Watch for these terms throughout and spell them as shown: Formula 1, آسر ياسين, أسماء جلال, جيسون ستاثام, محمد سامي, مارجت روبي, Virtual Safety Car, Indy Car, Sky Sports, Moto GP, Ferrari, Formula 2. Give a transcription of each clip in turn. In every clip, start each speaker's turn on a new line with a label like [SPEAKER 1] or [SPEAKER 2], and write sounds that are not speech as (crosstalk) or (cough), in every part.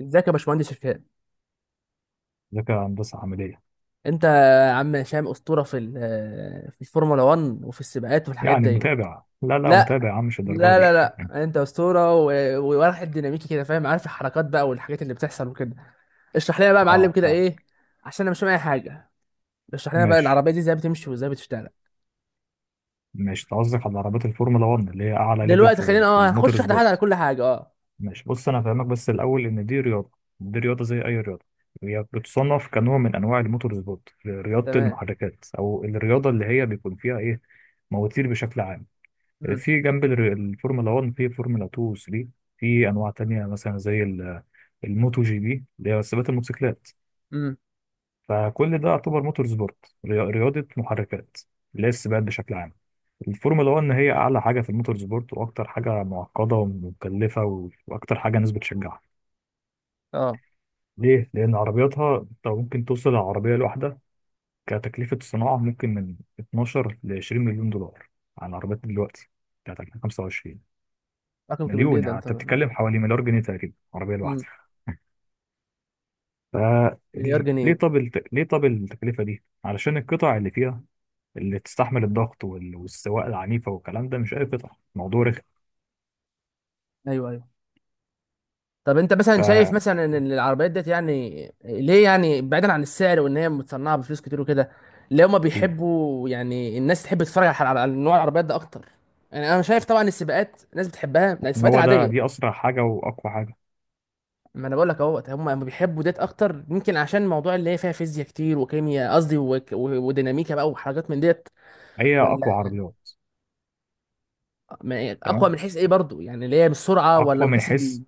[SPEAKER 1] ازيك يا باشمهندس هشام.
[SPEAKER 2] ذكاء هندسة عملية.
[SPEAKER 1] انت يا عم هشام اسطوره في في الفورمولا 1 وفي السباقات والحاجات
[SPEAKER 2] يعني
[SPEAKER 1] ديت.
[SPEAKER 2] متابع، لا لا
[SPEAKER 1] لا
[SPEAKER 2] متابع يا عم، مش الدرجة
[SPEAKER 1] لا
[SPEAKER 2] دي.
[SPEAKER 1] لا لا انت اسطوره وواحد ديناميكي كده، فاهم، عارف الحركات بقى والحاجات اللي بتحصل وكده. اشرح لنا بقى يا
[SPEAKER 2] (laughs)
[SPEAKER 1] معلم
[SPEAKER 2] اه،
[SPEAKER 1] كده
[SPEAKER 2] فاهم.
[SPEAKER 1] ايه، عشان انا مش فاهم اي حاجه. اشرح لنا بقى
[SPEAKER 2] ماشي
[SPEAKER 1] العربيه دي ازاي بتمشي وازاي بتشتغل.
[SPEAKER 2] ماشي، أنت قصدك على عربيات الفورمولا 1، اللي هي أعلى ليفل
[SPEAKER 1] دلوقتي خلينا
[SPEAKER 2] في الموتور
[SPEAKER 1] هنخش واحده واحده على
[SPEAKER 2] سبورت.
[SPEAKER 1] كل حاجه. اه،
[SPEAKER 2] ماشي، بص أنا هفهمك بس الأول إن دي رياضة. دي رياضة زي أي رياضة. هي بتصنف كنوع من أنواع الموتور سبورت، رياضة
[SPEAKER 1] تمام.
[SPEAKER 2] المحركات، أو الرياضة اللي هي بيكون فيها إيه، مواتير بشكل عام.
[SPEAKER 1] امم.
[SPEAKER 2] في جنب الفورمولا 1 في فورمولا 2 و 3. في أنواع تانية مثلا زي الموتو جي بي اللي هي سباقات الموتوسيكلات.
[SPEAKER 1] امم.
[SPEAKER 2] فكل ده يعتبر موتور سبورت، رياضة محركات، اللي هي السباقات بشكل عام. الفورمولا 1 هي أعلى حاجة في الموتور سبورت، وأكتر حاجة معقدة ومكلفة، وأكتر حاجة الناس بتشجعها.
[SPEAKER 1] اه،
[SPEAKER 2] ليه؟ لأن عربياتها أنت ممكن توصل العربية الواحدة كتكلفة صناعة ممكن من 12 ل 20 مليون دولار، على العربيات دلوقتي بتاعت 2025.
[SPEAKER 1] رقم كبير
[SPEAKER 2] مليون، يعني
[SPEAKER 1] جدا،
[SPEAKER 2] أنت بتتكلم
[SPEAKER 1] تمام.
[SPEAKER 2] حوالي مليار جنيه تقريبا عربية
[SPEAKER 1] امم.
[SPEAKER 2] الواحدة. ف
[SPEAKER 1] مليار جنيه؟
[SPEAKER 2] ليه طب التكلفة دي؟ علشان القطع اللي فيها، اللي تستحمل الضغط والسواقه العنيفه والكلام ده، مش اي قطع. الموضوع رخم.
[SPEAKER 1] ايوه ايوه. طب انت مثلا شايف
[SPEAKER 2] ف
[SPEAKER 1] مثلا ان العربيات ديت يعني ليه؟ يعني بعيدا عن السعر وان هي متصنعه بفلوس كتير وكده، ليه هما بيحبوا يعني الناس تحب تتفرج على على نوع العربيات ده اكتر؟ يعني انا شايف طبعا السباقات الناس بتحبها. لا،
[SPEAKER 2] عشان
[SPEAKER 1] السباقات
[SPEAKER 2] هو ده،
[SPEAKER 1] العاديه.
[SPEAKER 2] دي اسرع حاجه واقوى حاجه.
[SPEAKER 1] ما انا بقول لك اهوت، هم بيحبوا ديت اكتر، يمكن عشان الموضوع اللي هي فيها فيزياء كتير وكيمياء قصدي وديناميكا بقى وحاجات من ديت.
[SPEAKER 2] هي
[SPEAKER 1] ولا
[SPEAKER 2] اقوى عربيات.
[SPEAKER 1] اقوى
[SPEAKER 2] تمام.
[SPEAKER 1] من حيث ايه برضو؟ يعني اللي هي بالسرعه ولا
[SPEAKER 2] اقوى
[SPEAKER 1] من
[SPEAKER 2] من
[SPEAKER 1] حيث ال...
[SPEAKER 2] حيث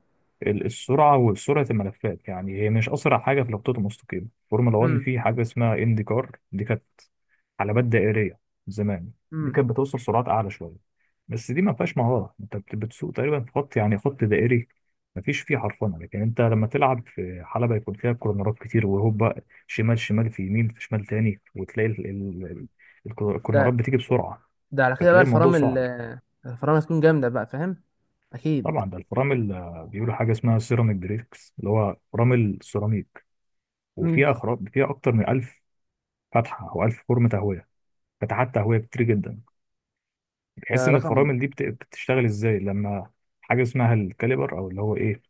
[SPEAKER 2] السرعه وسرعه الملفات. يعني هي مش اسرع حاجه في الخطوط المستقيمه فورمولا 1.
[SPEAKER 1] امم.
[SPEAKER 2] في حاجه اسمها اندي كار، دي كانت حلبات دائريه زمان. دي
[SPEAKER 1] امم.
[SPEAKER 2] كانت بتوصل سرعات اعلى شويه، بس دي ما فيهاش مهاره، انت بتسوق تقريبا في خط، يعني خط دائري، ما فيش فيه حرفنه. لكن انت لما تلعب في حلبه يكون فيها كورنرات كتير وهوبا، شمال شمال، في يمين، في شمال تاني، وتلاقي
[SPEAKER 1] ده
[SPEAKER 2] الكورنرات بتيجي بسرعه،
[SPEAKER 1] ده على كده بقى
[SPEAKER 2] فتلاقي الموضوع
[SPEAKER 1] الفرامل
[SPEAKER 2] صعب.
[SPEAKER 1] الفرامل هتكون جامدة بقى، فاهم. أكيد.
[SPEAKER 2] طبعا ده الفرامل اللي بيقولوا حاجه اسمها سيراميك بريكس، اللي هو فرامل سيراميك،
[SPEAKER 1] مم.
[SPEAKER 2] وفيها اخراج، فيها اكتر من 1000 فتحه، او 1000 فرمه تهويه، فتحات تهويه كتير جدا، بحيث
[SPEAKER 1] ده
[SPEAKER 2] ان
[SPEAKER 1] رقم.
[SPEAKER 2] الفرامل دي بتشتغل ازاي لما حاجه اسمها الكاليبر، او اللي هو ايه،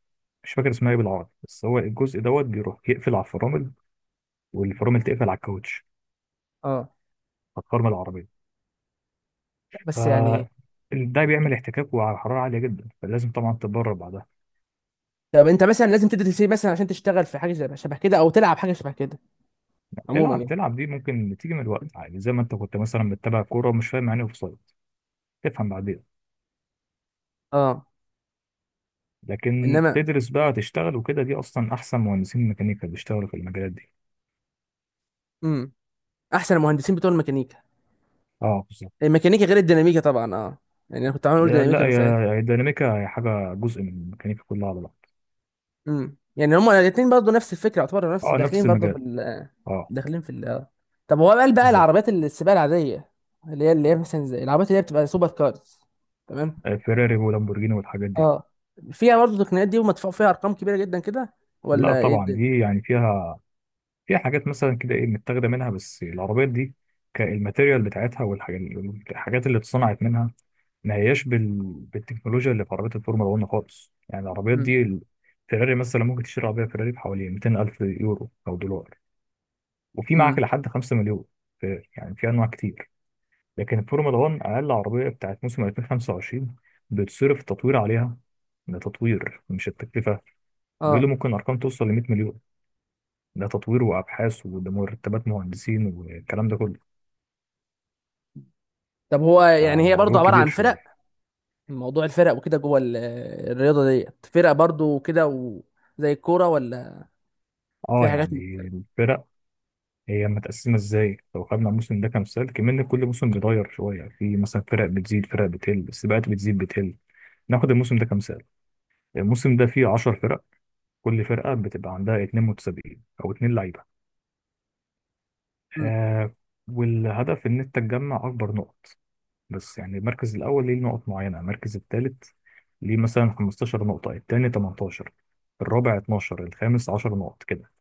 [SPEAKER 2] مش فاكر اسمها ايه بالعربي، بس هو الجزء دوت بيروح يقفل على الفرامل، والفرامل تقفل على الكاوتش،
[SPEAKER 1] اه.
[SPEAKER 2] على الفرامل العربيه.
[SPEAKER 1] لا
[SPEAKER 2] ف
[SPEAKER 1] بس يعني.
[SPEAKER 2] ده بيعمل احتكاك وعلى حراره عاليه جدا، فلازم طبعا تتدرب بعدها.
[SPEAKER 1] طب انت مثلا لازم تدرس سي مثلا عشان تشتغل في حاجه شبه كده او تلعب حاجه شبه كده، عموما
[SPEAKER 2] تلعب
[SPEAKER 1] يعني.
[SPEAKER 2] تلعب دي ممكن تيجي من الوقت عادي، زي ما انت كنت مثلا بتتابع كوره ومش فاهم يعني اوف سايد، تفهم بعدين.
[SPEAKER 1] اه.
[SPEAKER 2] لكن
[SPEAKER 1] انما.
[SPEAKER 2] تدرس بقى تشتغل وكده، دي اصلا احسن مهندسين ميكانيكا بيشتغلوا في المجالات دي.
[SPEAKER 1] امم. احسن المهندسين بتوع الميكانيكا.
[SPEAKER 2] اه بالظبط.
[SPEAKER 1] الميكانيكا غير الديناميكا طبعا، اه، يعني انا كنت عامل اقول
[SPEAKER 2] لا
[SPEAKER 1] ديناميكا من ساعتها.
[SPEAKER 2] يا، يا الديناميكا هي حاجه جزء من الميكانيكا كلها على بعض.
[SPEAKER 1] امم، يعني هما الاثنين برضه نفس الفكره، يعتبروا نفس،
[SPEAKER 2] اه
[SPEAKER 1] داخلين
[SPEAKER 2] نفس
[SPEAKER 1] برضه في
[SPEAKER 2] المجال.
[SPEAKER 1] ال.
[SPEAKER 2] اه
[SPEAKER 1] داخلين في ال، آه. طب هو قال بقى
[SPEAKER 2] بالظبط.
[SPEAKER 1] العربيات السباق العاديه، اللي هي مثلا زي العربيات اللي هي بتبقى سوبر كارز. تمام.
[SPEAKER 2] فيراري ولامبورجيني والحاجات دي.
[SPEAKER 1] اه، فيها برضه التقنيات دي ومدفوع فيها ارقام كبيره جدا كده،
[SPEAKER 2] لا
[SPEAKER 1] ولا ايه
[SPEAKER 2] طبعا
[SPEAKER 1] الدنيا؟
[SPEAKER 2] دي يعني فيها، في حاجات مثلا كده ايه متاخده منها، بس العربيات دي كالماتيريال بتاعتها والحاجات، الحاجات اللي اتصنعت منها ما هياش بال... بالتكنولوجيا اللي في عربيات الفورمولا 1 خالص. يعني العربيات
[SPEAKER 1] امم.
[SPEAKER 2] دي فيراري مثلا ممكن تشتري عربيه فيراري بحوالي 200 الف يورو او دولار، وفي معاك
[SPEAKER 1] امم.
[SPEAKER 2] لحد 5 مليون. يعني في انواع كتير. لكن الفورمولا 1 اقل عربيه بتاعت موسم 2025 بتصرف تطوير عليها، ده تطوير مش التكلفه، بيقولوا
[SPEAKER 1] اه.
[SPEAKER 2] ممكن ارقام توصل ل 100 مليون. ده تطوير وابحاث، وده مرتبات مهندسين والكلام ده كله.
[SPEAKER 1] طب هو يعني هي برضه
[SPEAKER 2] فالموضوع
[SPEAKER 1] عباره
[SPEAKER 2] كبير
[SPEAKER 1] عن
[SPEAKER 2] شويه.
[SPEAKER 1] فرق؟ موضوع الفرق وكده جوه الرياضه ديت، فرق برضه كده وزي الكوره ولا؟ في
[SPEAKER 2] اه
[SPEAKER 1] حاجات مت...
[SPEAKER 2] يعني الفرق، هي متقسمه ازاي، لو خدنا الموسم ده كمثال، كمان كل موسم بيتغير شويه، في مثلا فرق بتزيد، فرق بتقل، السباقات بتزيد بتقل. ناخد الموسم ده كمثال. الموسم ده فيه 10 فرق، كل فرقه بتبقى عندها 2 متسابقين او 2 لعيبه.
[SPEAKER 1] مم.
[SPEAKER 2] آه. والهدف ان انت تجمع اكبر نقط. بس يعني المركز الأول ليه نقط معينة، المركز الثالث ليه مثلا 15 نقطة، الثاني 18، الرابع 12، الخامس 10 نقط كده.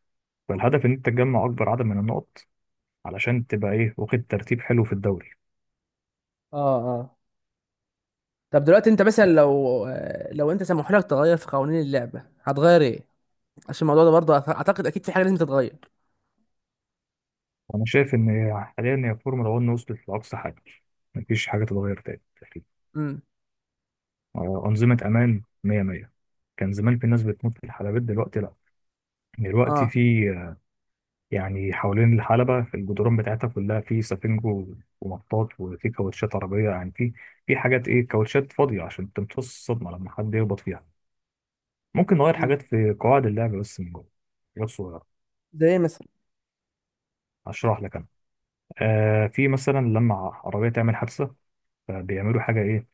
[SPEAKER 2] فالهدف إن أنت تجمع أكبر عدد من النقط، علشان تبقى إيه، واخد ترتيب حلو في الدوري.
[SPEAKER 1] اه. اه. طب دلوقتي انت مثلا لو انت سمحوا لك تغير في قوانين اللعبه، هتغير ايه؟ عشان الموضوع ده برضه اعتقد اكيد في حاجه لازم تتغير.
[SPEAKER 2] وأنا شايف إن حاليا هي فورمولا 1 وصلت لأقصى حاجة، مفيش حاجة تتغير تاني تقريبا.
[SPEAKER 1] امم.
[SPEAKER 2] أنظمة أمان 100 100. كان زمان في ناس بتموت في الحلبات، دلوقتي لأ. دلوقتي
[SPEAKER 1] اه.
[SPEAKER 2] في، يعني حوالين الحلبة في الجدران بتاعتها كلها في سفنج ومطاط، وفي كاوتشات عربية، يعني في، في حاجات إيه، كاوتشات فاضية عشان تمتص الصدمة لما حد يخبط فيها. ممكن نغير
[SPEAKER 1] امم.
[SPEAKER 2] حاجات في قواعد اللعب بس من جوه، حاجات صغيرة.
[SPEAKER 1] زي ايه مثلا؟
[SPEAKER 2] هشرح لك أنا. آه، في مثلا لما عربية تعمل حادثة، فبيعملوا حاجة إيه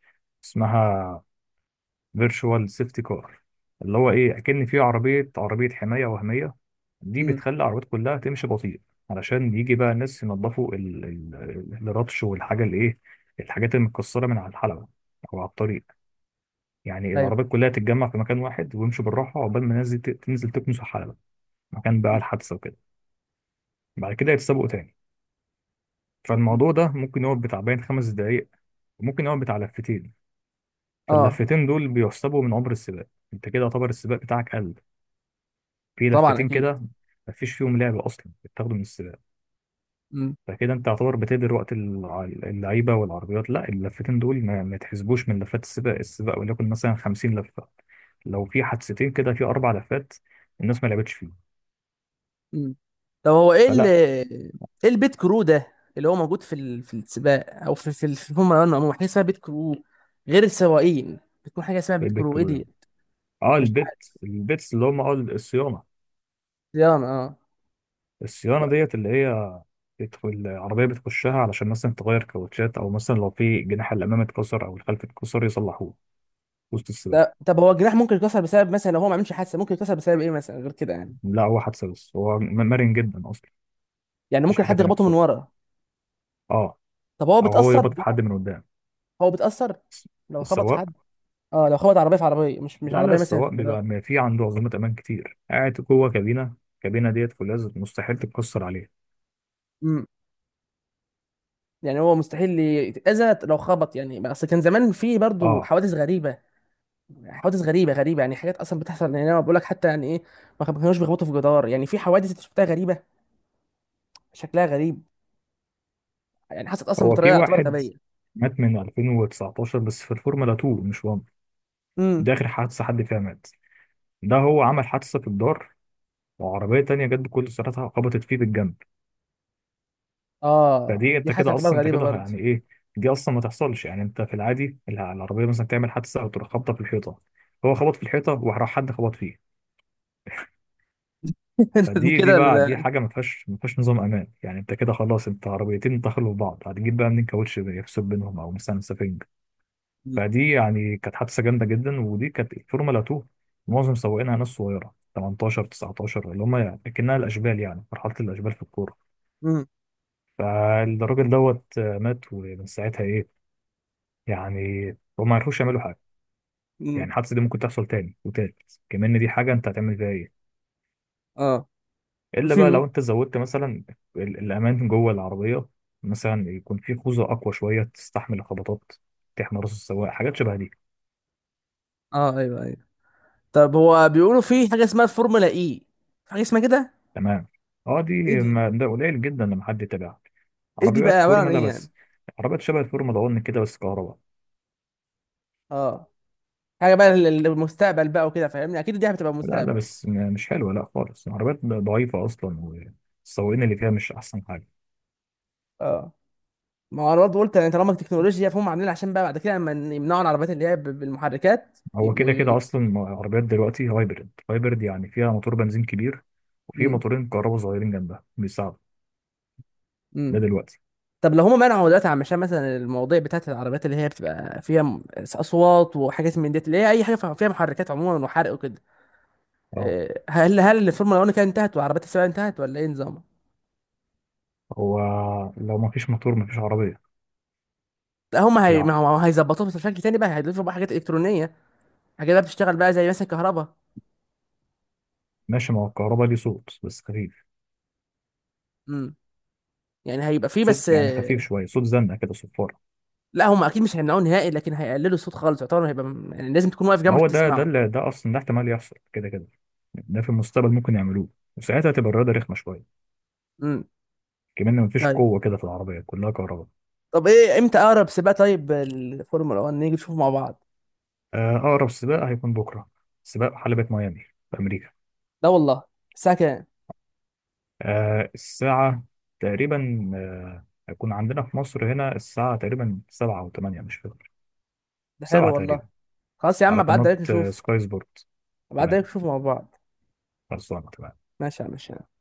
[SPEAKER 2] اسمها فيرتشوال سيفتي كار، اللي هو ايه، اكن في عربيه، عربيه حمايه وهميه. دي
[SPEAKER 1] امم.
[SPEAKER 2] بتخلي العربيات كلها تمشي بطيء، علشان يجي بقى الناس ينظفوا الرطش والحاجه اللي ايه، الحاجات المتكسره من على الحلبه او على الطريق. يعني
[SPEAKER 1] ايوه.
[SPEAKER 2] العربيات كلها تتجمع في مكان واحد، ويمشوا بالراحه عقبال ما الناس دي تنزل تكنس الحلبه، مكان بقى
[SPEAKER 1] مم.
[SPEAKER 2] الحادثه وكده، بعد كده يتسابقوا تاني.
[SPEAKER 1] مم.
[SPEAKER 2] فالموضوع ده ممكن يقعد بتاع بين خمس دقايق، وممكن يقعد بتاع لفتين.
[SPEAKER 1] اه.
[SPEAKER 2] فاللفتين دول بيحسبوا من عمر السباق. انت كده يعتبر السباق بتاعك قل في
[SPEAKER 1] طبعا
[SPEAKER 2] لفتين
[SPEAKER 1] اكيد.
[SPEAKER 2] كده، مفيش فيهم لعب اصلا، بيتاخدوا من السباق. فكده انت تعتبر بتهدر وقت اللعيبه والعربيات. لا اللفتين دول ما تحسبوش من لفات السباق. السباق وليكن مثلا 50 لفه، لو في حادثتين كده في اربع لفات الناس ما لعبتش فيه.
[SPEAKER 1] مم. طب هو ايه اللي،
[SPEAKER 2] فلا.
[SPEAKER 1] ايه البيت كرو ده اللي هو موجود في ال... في السباق او في الفورمولا 1 عموما حاجه اسمها بيت كرو غير السواقين، بتكون حاجه اسمها بيت
[SPEAKER 2] البيت
[SPEAKER 1] كرو، ايه
[SPEAKER 2] كله
[SPEAKER 1] دي؟
[SPEAKER 2] لعب. اه
[SPEAKER 1] مش
[SPEAKER 2] البيت،
[SPEAKER 1] عارف.
[SPEAKER 2] البيتس اللي هم اه الصيانه.
[SPEAKER 1] صيانه، اه.
[SPEAKER 2] الصيانه ديت اللي هي بتدخل العربيه بتخشها، علشان مثلا تغير كاوتشات، او مثلا لو في جناح الامام اتكسر او الخلف اتكسر يصلحوه وسط السباق.
[SPEAKER 1] ده طب هو الجناح ممكن يتكسر بسبب مثلا لو هو ما عملش حادثه، ممكن يتكسر بسبب ايه مثلا غير كده يعني؟
[SPEAKER 2] لا هو حادثه، بس هو مرن جدا اصلا.
[SPEAKER 1] يعني
[SPEAKER 2] مفيش
[SPEAKER 1] ممكن
[SPEAKER 2] حاجه
[SPEAKER 1] حد
[SPEAKER 2] تانية
[SPEAKER 1] يخبطه من
[SPEAKER 2] بسرعه.
[SPEAKER 1] ورا؟
[SPEAKER 2] اه.
[SPEAKER 1] طب هو
[SPEAKER 2] او هو
[SPEAKER 1] بيتاثر
[SPEAKER 2] يخبط في حد من
[SPEAKER 1] جوه؟
[SPEAKER 2] قدام.
[SPEAKER 1] هو بيتاثر لو خبط في
[SPEAKER 2] السواق
[SPEAKER 1] حد؟ اه، لو خبط عربيه في عربيه، مش
[SPEAKER 2] لا لا،
[SPEAKER 1] عربيه مثلا في
[SPEAKER 2] السواق
[SPEAKER 1] جراج.
[SPEAKER 2] بيبقى ما في عنده عزومات امان كتير، قاعد جوه كابينه، الكابينه ديت فولاذ، مستحيل تتكسر عليه.
[SPEAKER 1] امم. يعني هو مستحيل يتأذى لو خبط يعني؟ اصل كان زمان في برضو
[SPEAKER 2] اه،
[SPEAKER 1] حوادث غريبه، حوادث غريبه غريبه، يعني حاجات اصلا بتحصل، يعني انا بقول لك حتى يعني ايه، ما كانوش بيخبطوا في جدار، يعني في حوادث انت شفتها غريبه، شكلها غريب، يعني حصلت اصلا
[SPEAKER 2] هو في
[SPEAKER 1] بطريقه تعتبر
[SPEAKER 2] واحد
[SPEAKER 1] غبيه.
[SPEAKER 2] مات من 2019، بس في الفورمولا 2 مش 1.
[SPEAKER 1] امم.
[SPEAKER 2] ده اخر حادثه حد فيها مات. ده هو عمل حادثه في الدار، وعربيه تانية جت بكل سرعتها خبطت فيه بالجنب.
[SPEAKER 1] اه،
[SPEAKER 2] فدي
[SPEAKER 1] دي
[SPEAKER 2] انت
[SPEAKER 1] حاجه
[SPEAKER 2] كده
[SPEAKER 1] تعتبر
[SPEAKER 2] اصلا، انت
[SPEAKER 1] غريبه
[SPEAKER 2] كده
[SPEAKER 1] برضه.
[SPEAKER 2] يعني ايه، دي اصلا ما تحصلش. يعني انت في العادي العربيه مثلا تعمل حادثه او تروح خبطه في الحيطه، هو خبط في الحيطه وراح حد خبط فيه.
[SPEAKER 1] (laughs)
[SPEAKER 2] فدي، دي
[SPEAKER 1] كده
[SPEAKER 2] بقى دي
[SPEAKER 1] ال.
[SPEAKER 2] حاجه ما فيهاش نظام امان. يعني انت كده خلاص، انت عربيتين دخلوا في بعض، هتجيب بقى منين كاوتش يفصل بينهم، او مثلا سفنج. فدي يعني كانت حادثه جامده جدا، ودي كانت فورمولا 2. معظم سواقينها ناس صغيره 18 19، اللي هم يعني اكنها الاشبال، يعني مرحله الاشبال في الكوره.
[SPEAKER 1] مم.
[SPEAKER 2] فالراجل دوت مات، ومن ساعتها ايه، يعني هم ما عرفوش يعملوا حاجه. يعني
[SPEAKER 1] مم.
[SPEAKER 2] الحادثه دي ممكن تحصل تاني وتالت كمان، دي حاجه انت هتعمل فيها ايه،
[SPEAKER 1] اه.
[SPEAKER 2] الا بقى
[SPEAKER 1] في.
[SPEAKER 2] لو انت زودت مثلا الامان جوه العربيه. مثلا يكون في خوذه اقوى شويه تستحمل الخبطات، تحمي راس السواق، حاجات شبه دي.
[SPEAKER 1] اه. ايوه ايوه. طب هو بيقولوا في حاجه اسمها الفورمولا اي، في حاجه اسمها كده،
[SPEAKER 2] تمام. اه
[SPEAKER 1] ايه
[SPEAKER 2] دي ما
[SPEAKER 1] دي؟
[SPEAKER 2] ده قليل جدا لما حد يتابعها،
[SPEAKER 1] ايه دي بقى
[SPEAKER 2] عربيات
[SPEAKER 1] عباره عن
[SPEAKER 2] فورمولا
[SPEAKER 1] ايه يعني؟
[SPEAKER 2] بس، عربيات شبه الفورمولا 1 كده بس كهرباء.
[SPEAKER 1] اه، حاجه بقى للمستقبل بقى وكده، فاهمني، اكيد دي هتبقى
[SPEAKER 2] لا لا
[SPEAKER 1] مستقبل.
[SPEAKER 2] بس مش حلوه، لا خالص، عربيات ضعيفه اصلا، والسواقين اللي فيها مش احسن حاجه.
[SPEAKER 1] اه، ما هو انا برضه قلت، يعني طالما التكنولوجيا فهم عاملين عشان بقى بعد كده لما يمنعوا العربيات اللي هي بالمحركات،
[SPEAKER 2] هو
[SPEAKER 1] يبقوا
[SPEAKER 2] كده كده
[SPEAKER 1] ي...
[SPEAKER 2] اصلا، عربيات دلوقتي هايبرد. هايبرد يعني فيها موتور بنزين كبير، وفي
[SPEAKER 1] امم.
[SPEAKER 2] موتورين كهرباء صغيرين جنبها بيساعدوا.
[SPEAKER 1] امم.
[SPEAKER 2] ده دلوقتي.
[SPEAKER 1] طب لو هم منعوا دلوقتي عشان مثلا المواضيع بتاعت العربيات اللي هي بتبقى فيها اصوات وحاجات من ديت، اللي هي اي حاجه فيها محركات عموما وحرق وكده،
[SPEAKER 2] اه
[SPEAKER 1] آه، هل الفورمولا 1 كانت انتهت وعربيات السباق انتهت ولا ايه نظامها؟
[SPEAKER 2] هو لو ما فيش موتور ما فيش عربية.
[SPEAKER 1] لا هم هي... ما
[SPEAKER 2] بالعقل.
[SPEAKER 1] هو هيظبطوها بس بشكل تاني بقى، هيضيفوا بقى حاجات الكترونيه، حاجات بقى بتشتغل بقى زي مثلا كهرباء.
[SPEAKER 2] ماشي، ما هو الكهرباء ليه صوت بس خفيف،
[SPEAKER 1] امم. يعني هيبقى فيه
[SPEAKER 2] صوت
[SPEAKER 1] بس.
[SPEAKER 2] يعني خفيف شوية، صوت زنة كده، صفارة.
[SPEAKER 1] لا هم اكيد مش هيمنعوه نهائي، لكن هيقللوا الصوت خالص، يعتبر هيبقى م-، يعني لازم تكون واقف جنبه
[SPEAKER 2] ما
[SPEAKER 1] عشان
[SPEAKER 2] هو ده، ده
[SPEAKER 1] تسمعه.
[SPEAKER 2] اللي، ده أصلا ده احتمال يحصل كده كده، ده في المستقبل ممكن يعملوه، وساعتها هتبقى الرياضة رخمة شوية،
[SPEAKER 1] امم.
[SPEAKER 2] كمان ما فيش
[SPEAKER 1] طيب.
[SPEAKER 2] قوة، كده في العربية كلها كهرباء.
[SPEAKER 1] طب ايه امتى اقرب سباق طيب الفورمولا 1 نيجي نشوفه مع بعض؟
[SPEAKER 2] أقرب سباق هيكون بكرة، سباق حلبة ميامي في أمريكا.
[SPEAKER 1] لا والله، الساعه كام؟
[SPEAKER 2] الساعة تقريبا، هيكون عندنا في مصر هنا الساعة تقريبا سبعة أو تمانية مش فاكر،
[SPEAKER 1] ده حلو
[SPEAKER 2] سبعة
[SPEAKER 1] والله.
[SPEAKER 2] تقريبا،
[SPEAKER 1] خلاص يا عم
[SPEAKER 2] على
[SPEAKER 1] ابعد
[SPEAKER 2] قناة
[SPEAKER 1] عليك نشوف.
[SPEAKER 2] سكاي سبورت.
[SPEAKER 1] ابعد عليك
[SPEAKER 2] تمام.
[SPEAKER 1] نشوف مع بعض.
[SPEAKER 2] خلصانه تمام.
[SPEAKER 1] ماشي يا عم، ماشي.